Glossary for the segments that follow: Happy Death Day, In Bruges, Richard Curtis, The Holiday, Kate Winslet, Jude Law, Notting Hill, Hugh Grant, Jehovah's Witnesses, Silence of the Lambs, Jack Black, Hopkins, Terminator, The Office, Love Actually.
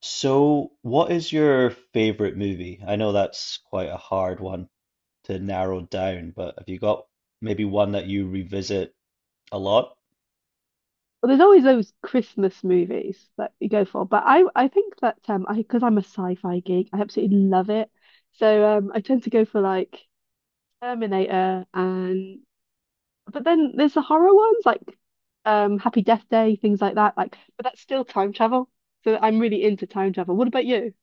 So, what is your favorite movie? I know that's quite a hard one to narrow down, but have you got maybe one that you revisit a lot? Well, there's always those Christmas movies that you go for, but I think that I because I'm a sci-fi geek, I absolutely love it. So I tend to go for like Terminator and but then there's the horror ones like Happy Death Day, things like that. Like, but that's still time travel. So I'm really into time travel. What about you?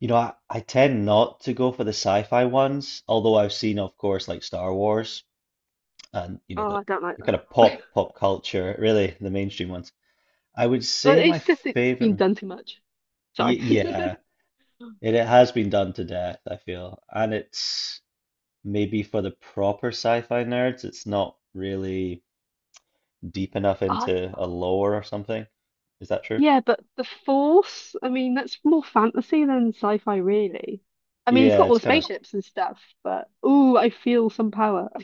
You know, I tend not to go for the sci-fi ones, although I've seen, of course, like Star Wars and, you know, Oh, the, I don't like the kind that. of pop culture, really, the mainstream ones. I would Well, say my it's just it's favorite, been m- done too much. y Sorry. yeah, it has been done to death, I feel. And it's maybe for the proper sci-fi nerds, it's not really deep enough into a lore or something. Is that true? Yeah, but the Force, I mean, that's more fantasy than sci-fi, really. I mean, it's Yeah, got all the it's kind of spaceships and stuff, but ooh, I feel some power.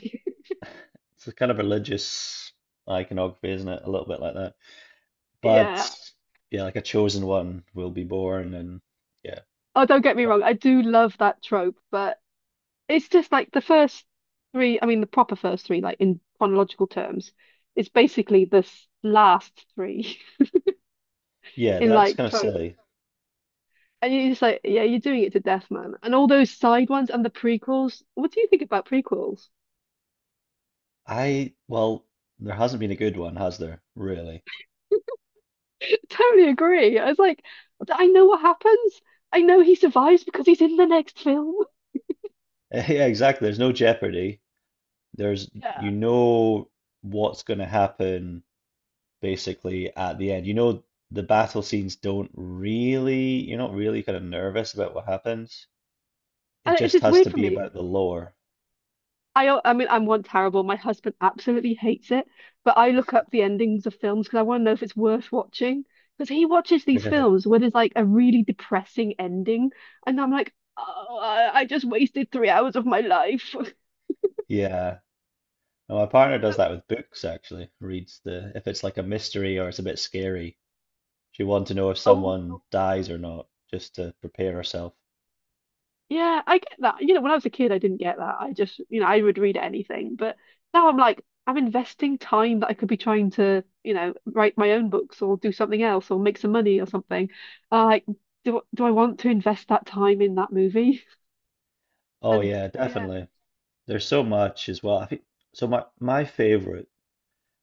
it's a kind of religious iconography, isn't it? A little bit like that. But Yeah. yeah, like a chosen one will be born and yeah. Oh, don't get me But wrong, I do love that trope, but it's just like the first three, I mean, the proper first three, like in chronological terms, it's basically this last three yeah, in that's like kind of trope. silly. And you're just like, yeah, you're doing it to death, man. And all those side ones and the prequels. What do you think about prequels? I, well, there hasn't been a good one, has there? Really? Totally agree. I was like, I know what happens. I know he survives because he's in the next film. Yeah, exactly. There's no jeopardy. There's, you Yeah. know, what's going to happen basically at the end. You know, the battle scenes don't really, you're not really kind of nervous about what happens. It And it's just just has weird to for be me. about the lore. I mean, I'm one terrible. My husband absolutely hates it, but I look up the endings of films because I want to know if it's worth watching. Because he watches these Really? films where there's like a really depressing ending, and I'm like, oh, I just wasted 3 hours of my life. Yeah. And my partner does that with books actually. Reads the, if it's like a mystery or it's a bit scary, she wants to know if Oh, someone dies or not, just to prepare herself. yeah, I get that. You know, when I was a kid, I didn't get that. I just, you know, I would read anything. But now I'm like, I'm investing time that I could be trying to, you know, write my own books or do something else or make some money or something. Uh, like, do I want to invest that time in that movie? Oh And yeah, yeah, definitely. There's so much as well. I think so my favorite,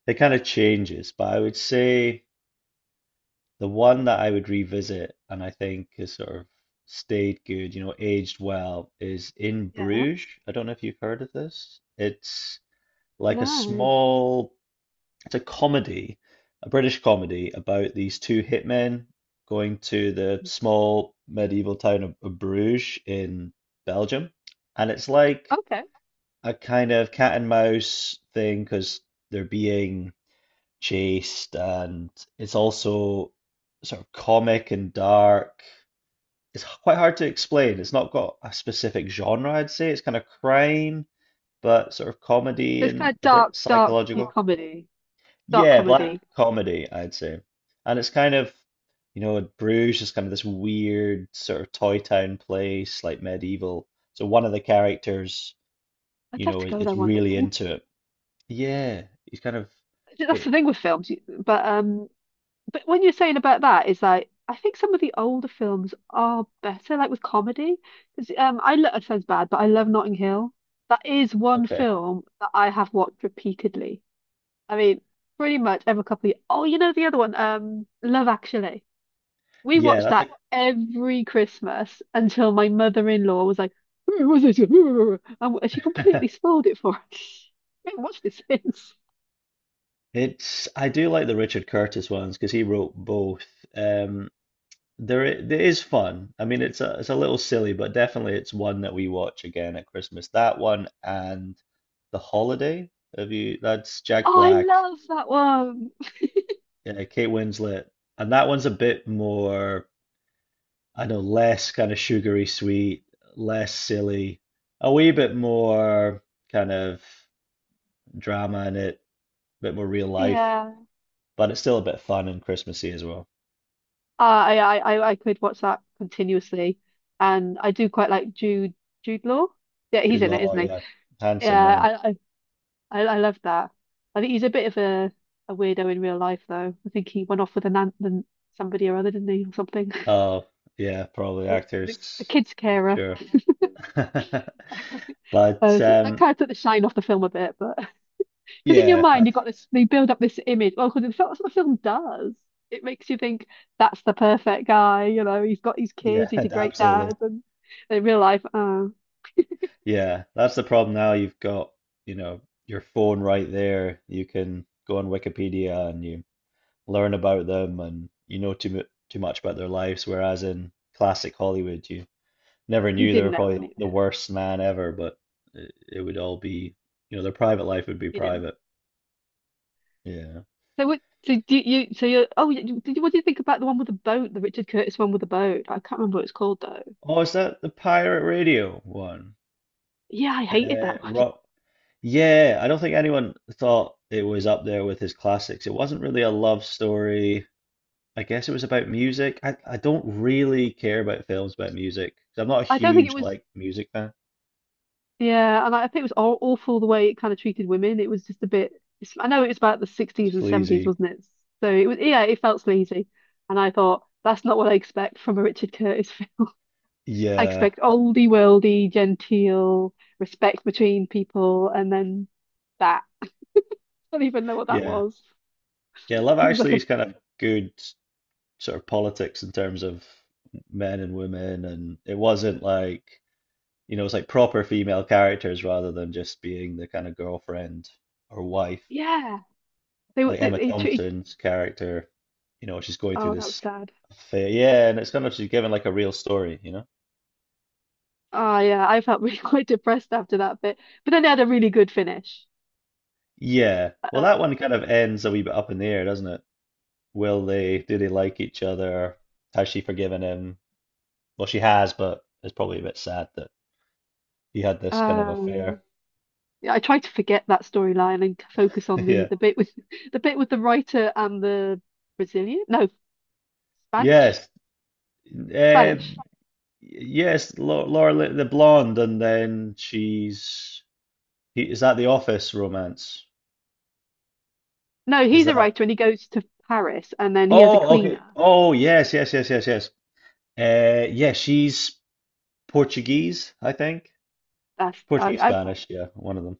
it kind of changes, but I would say the one that I would revisit and I think has sort of stayed good, you know, aged well, is In yeah, Bruges. I don't know if you've heard of this. It's like a no. small, it's a comedy, a British comedy about these two hitmen going to the small medieval town of Bruges in Belgium. And it's like Okay. a kind of cat and mouse thing because they're being chaste and it's also sort of comic and dark. It's quite hard to explain. It's not got a specific genre, I'd say. It's kind of crime, but sort of So comedy it's and kind of a bit dark, dark psychological. comedy, dark Yeah, black comedy. comedy, I'd say. And it's kind of, you know, Bruges is kind of this weird sort of toy town place, like medieval. So one of the characters, I'd you love know, to go there is one day. really into it. Yeah, he's kind of That's the it, thing with films, but when you're saying about that, it's like I think some of the older films are better, like with comedy. Because it sounds bad, but I love Notting Hill. That is one okay. film that I have watched repeatedly. I mean, pretty much every couple of years. Oh, you know the other one, Love Actually. We Yeah, watched that's that every Christmas until my mother-in-law was like, "Who was this?" And she completely like spoiled it for us. We haven't watched it since. it's, I do like the Richard Curtis ones because he wrote both. Um, there is fun. I mean, it's a little silly, but definitely it's one that we watch again at Christmas. That one and The Holiday. Have you? That's Jack Oh, I Black, love that one. Kate Winslet, and that one's a bit more, I know, less kind of sugary sweet, less silly, a wee bit more kind of drama in it, a bit more real life, Yeah. but it's still a bit fun and Christmassy as well. I could watch that continuously, and I do quite like Jude Law. Yeah, he's Jude in it, Law, isn't he? yeah, Yeah, handsome man. I I I love that. I think he's a bit of a weirdo in real life, though. I think he went off with an aunt and somebody or other, didn't he, or something? Oh, yeah, probably The actors, kid's I'm carer. sure. But So that kind of took the shine off the film a bit, but because in your yeah, mind I- you've got this, they build up this image. Well, because that's what the film does. It makes you think that's the perfect guy. You know, he's got his yeah, kids, he's a great absolutely. dad, and in real life. Uh, Yeah, that's the problem now. You've got, you know, your phone right there. You can go on Wikipedia and you learn about them, and you know too much about their lives. Whereas in classic Hollywood, you never you knew they didn't were know probably the, any. Yeah, the worst man ever, but it would all be, you know, their private life would be you didn't. private. Yeah. So what? So do you? So you're. Oh, you, did you? What do you think about the one with the boat? The Richard Curtis one with the boat. I can't remember what it's called though. Oh, is that the pirate radio one? Yeah, I hated that one. Rock. Yeah, I don't think anyone thought it was up there with his classics. It wasn't really a love story. I guess it was about music. I don't really care about films about music. 'Cause I'm not a I don't think it huge was. like music fan. Yeah, and I think it was aw awful the way it kind of treated women. It was just a bit. It's, I know it was about the 60s and 70s, Sleazy. wasn't it? So it was. Yeah, it felt sleazy, and I thought that's not what I expect from a Richard Curtis film. I Yeah, expect oldie worldy, genteel respect between people, and then that. I don't even know what that yeah, was. yeah. Love It was like Actually a is kind of good sort of politics in terms of men and women, and it wasn't like, you know, it's like proper female characters rather than just being the kind of girlfriend or wife. yeah, they were. Like Emma Treated- Thompson's character, you know, she's going through oh, that was this sad. affair. Yeah, and it's kind of she's given like a real story, you know? Oh yeah, I felt really quite depressed after that bit. But then they had a really good finish. Yeah. Well, Uh, that one kind of ends a wee bit up in the air, doesn't it? Will they, do they like each other? Has she forgiven him? Well, she has, but it's probably a bit sad that he had this kind of um, affair. yeah, I tried to forget that storyline and focus on the Yeah. the bit with the bit with the writer and the Brazilian. No, Spanish, Yes. Uh, Spanish. yes, Laura, the blonde, and then she's is that The Office romance? No, Is he's a that? writer and he goes to Paris and then he has a Oh, okay. cleaner. Oh, yes, yes, yes, yes, yes. Yeah, she's Portuguese, I think. That's Portuguese, Spanish, yeah, one of them.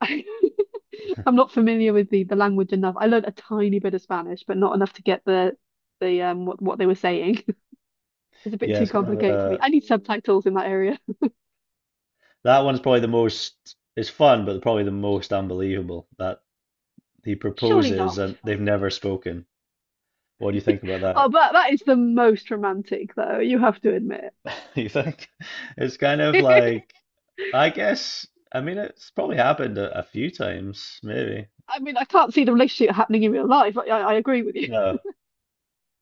I I'm not familiar with the language enough. I learned a tiny bit of Spanish, but not enough to get the what they were saying. Is a bit Yeah, too it's kind of complicated for me. a I need subtitles in that area. that one's probably the most. It's fun, but probably the most unbelievable that he Surely proposes not. and they've never spoken. What do you think about Oh, that? but that is the most romantic, though, you have to admit. You think it's kind of like, I guess, I mean it's probably happened a few times, maybe. I mean, I can't see the relationship happening in real life. I agree with you. No,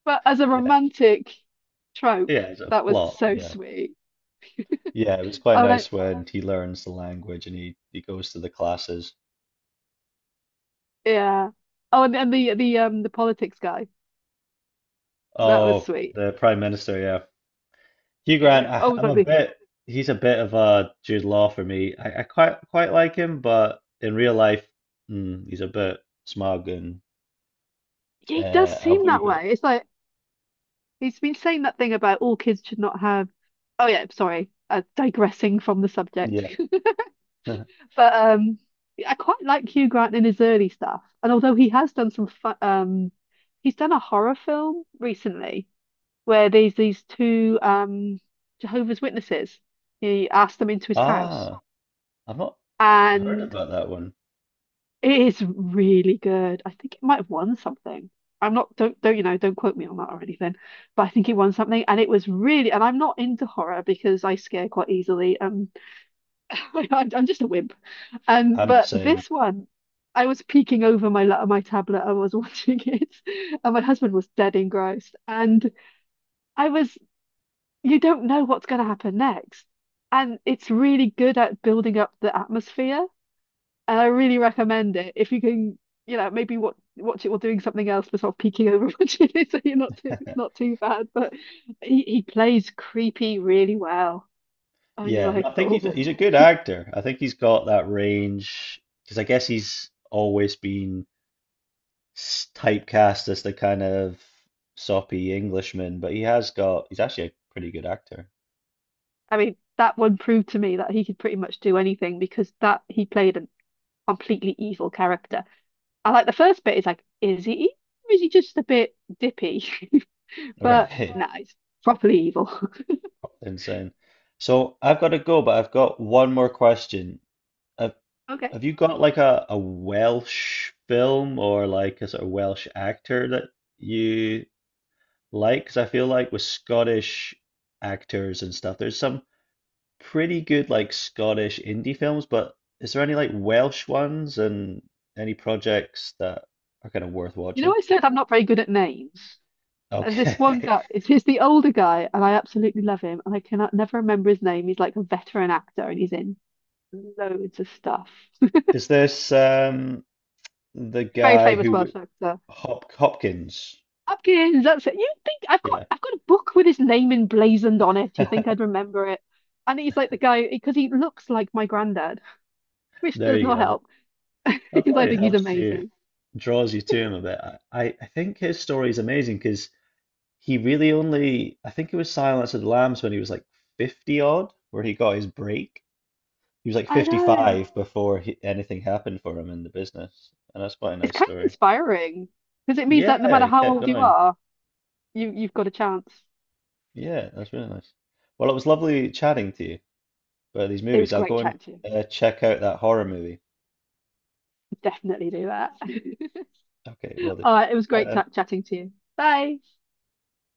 But as a yeah, romantic yeah, trope, it's a that was plot, so yeah. sweet. Yeah, it was quite Oh, then, nice when he learns the language and he goes to the classes. yeah. Oh, and the politics guy, that was Oh, sweet. the Prime Minister, yeah. Hugh Grant, Oh, I, we have I'm gotta a be. bit, he's a bit of a Jude Law for me. I quite like him, but in real life, mm, he's a bit smug and He does a seem wee that bit. way. It's like he's been saying that thing about all kids should not have. Oh yeah, sorry. Digressing from the subject. Yeah. But I quite like Hugh Grant in his early stuff. And although he has done some fun, he's done a horror film recently where there's these two Jehovah's Witnesses. He asked them into his house, Ah, I've not heard and about that one. it is really good. I think it might have won something. I'm not don't don't you know don't quote me on that or anything, but I think it won something, and it was really. And I'm not into horror because I scare quite easily. I'm just a wimp. And I'm the but same. this one, I was peeking over my tablet. I was watching it, and my husband was dead engrossed. And I was, you don't know what's going to happen next, and it's really good at building up the atmosphere. And I really recommend it if you can, you know, maybe watch it while doing something else, but sort of peeking over watching it, so you're not too, it's not too bad. But he plays creepy really well, and you're Yeah, and like, I think he's oh. a good actor. I think he's got that range because I guess he's always been typecast as the kind of soppy Englishman, but he has got, he's actually a pretty good actor. I mean, that one proved to me that he could pretty much do anything because that he played a completely evil character. I like the first bit is like, is he evil or is he just a bit dippy? But Really no, nah, he's properly evil. insane. So I've got to go, but I've got one more question. Have, Okay. have you got like a Welsh film or like a sort of Welsh actor that you like? Because I feel like with Scottish actors and stuff, there's some pretty good like Scottish indie films, but is there any like Welsh ones and any projects that are kind of worth You know, watching? I said I'm not very good at names. There's this one Okay. guy, it's he's the older guy, and I absolutely love him, and I cannot never remember his name. He's like a veteran actor and he's in loads of stuff. Is this the Very famous Welsh actor. Hop Hopkins? Hopkins, that's it. You think Yeah. I've got a book with his name emblazoned on it. You think I'd remember it? And he's like the guy because he looks like my granddad, which There does you not go. help That because I probably think he's helps you, amazing. draws you to him a bit. I, I think his story is amazing because he really only, I think it was Silence of the Lambs when he was like 50 odd, where he got his break. He was like I know. 55 before he, anything happened for him in the business. And that's quite a It's nice kind of story. inspiring because it means that no Yeah, matter he how kept old you going. are, you've got a chance. Yeah, that's really nice. Well, it was lovely chatting to you about these It movies. was I'll go great and chatting to you. Check out that horror movie. Definitely do that. Okay, will do. All right, it was Bye great then. ta chatting to you. Bye.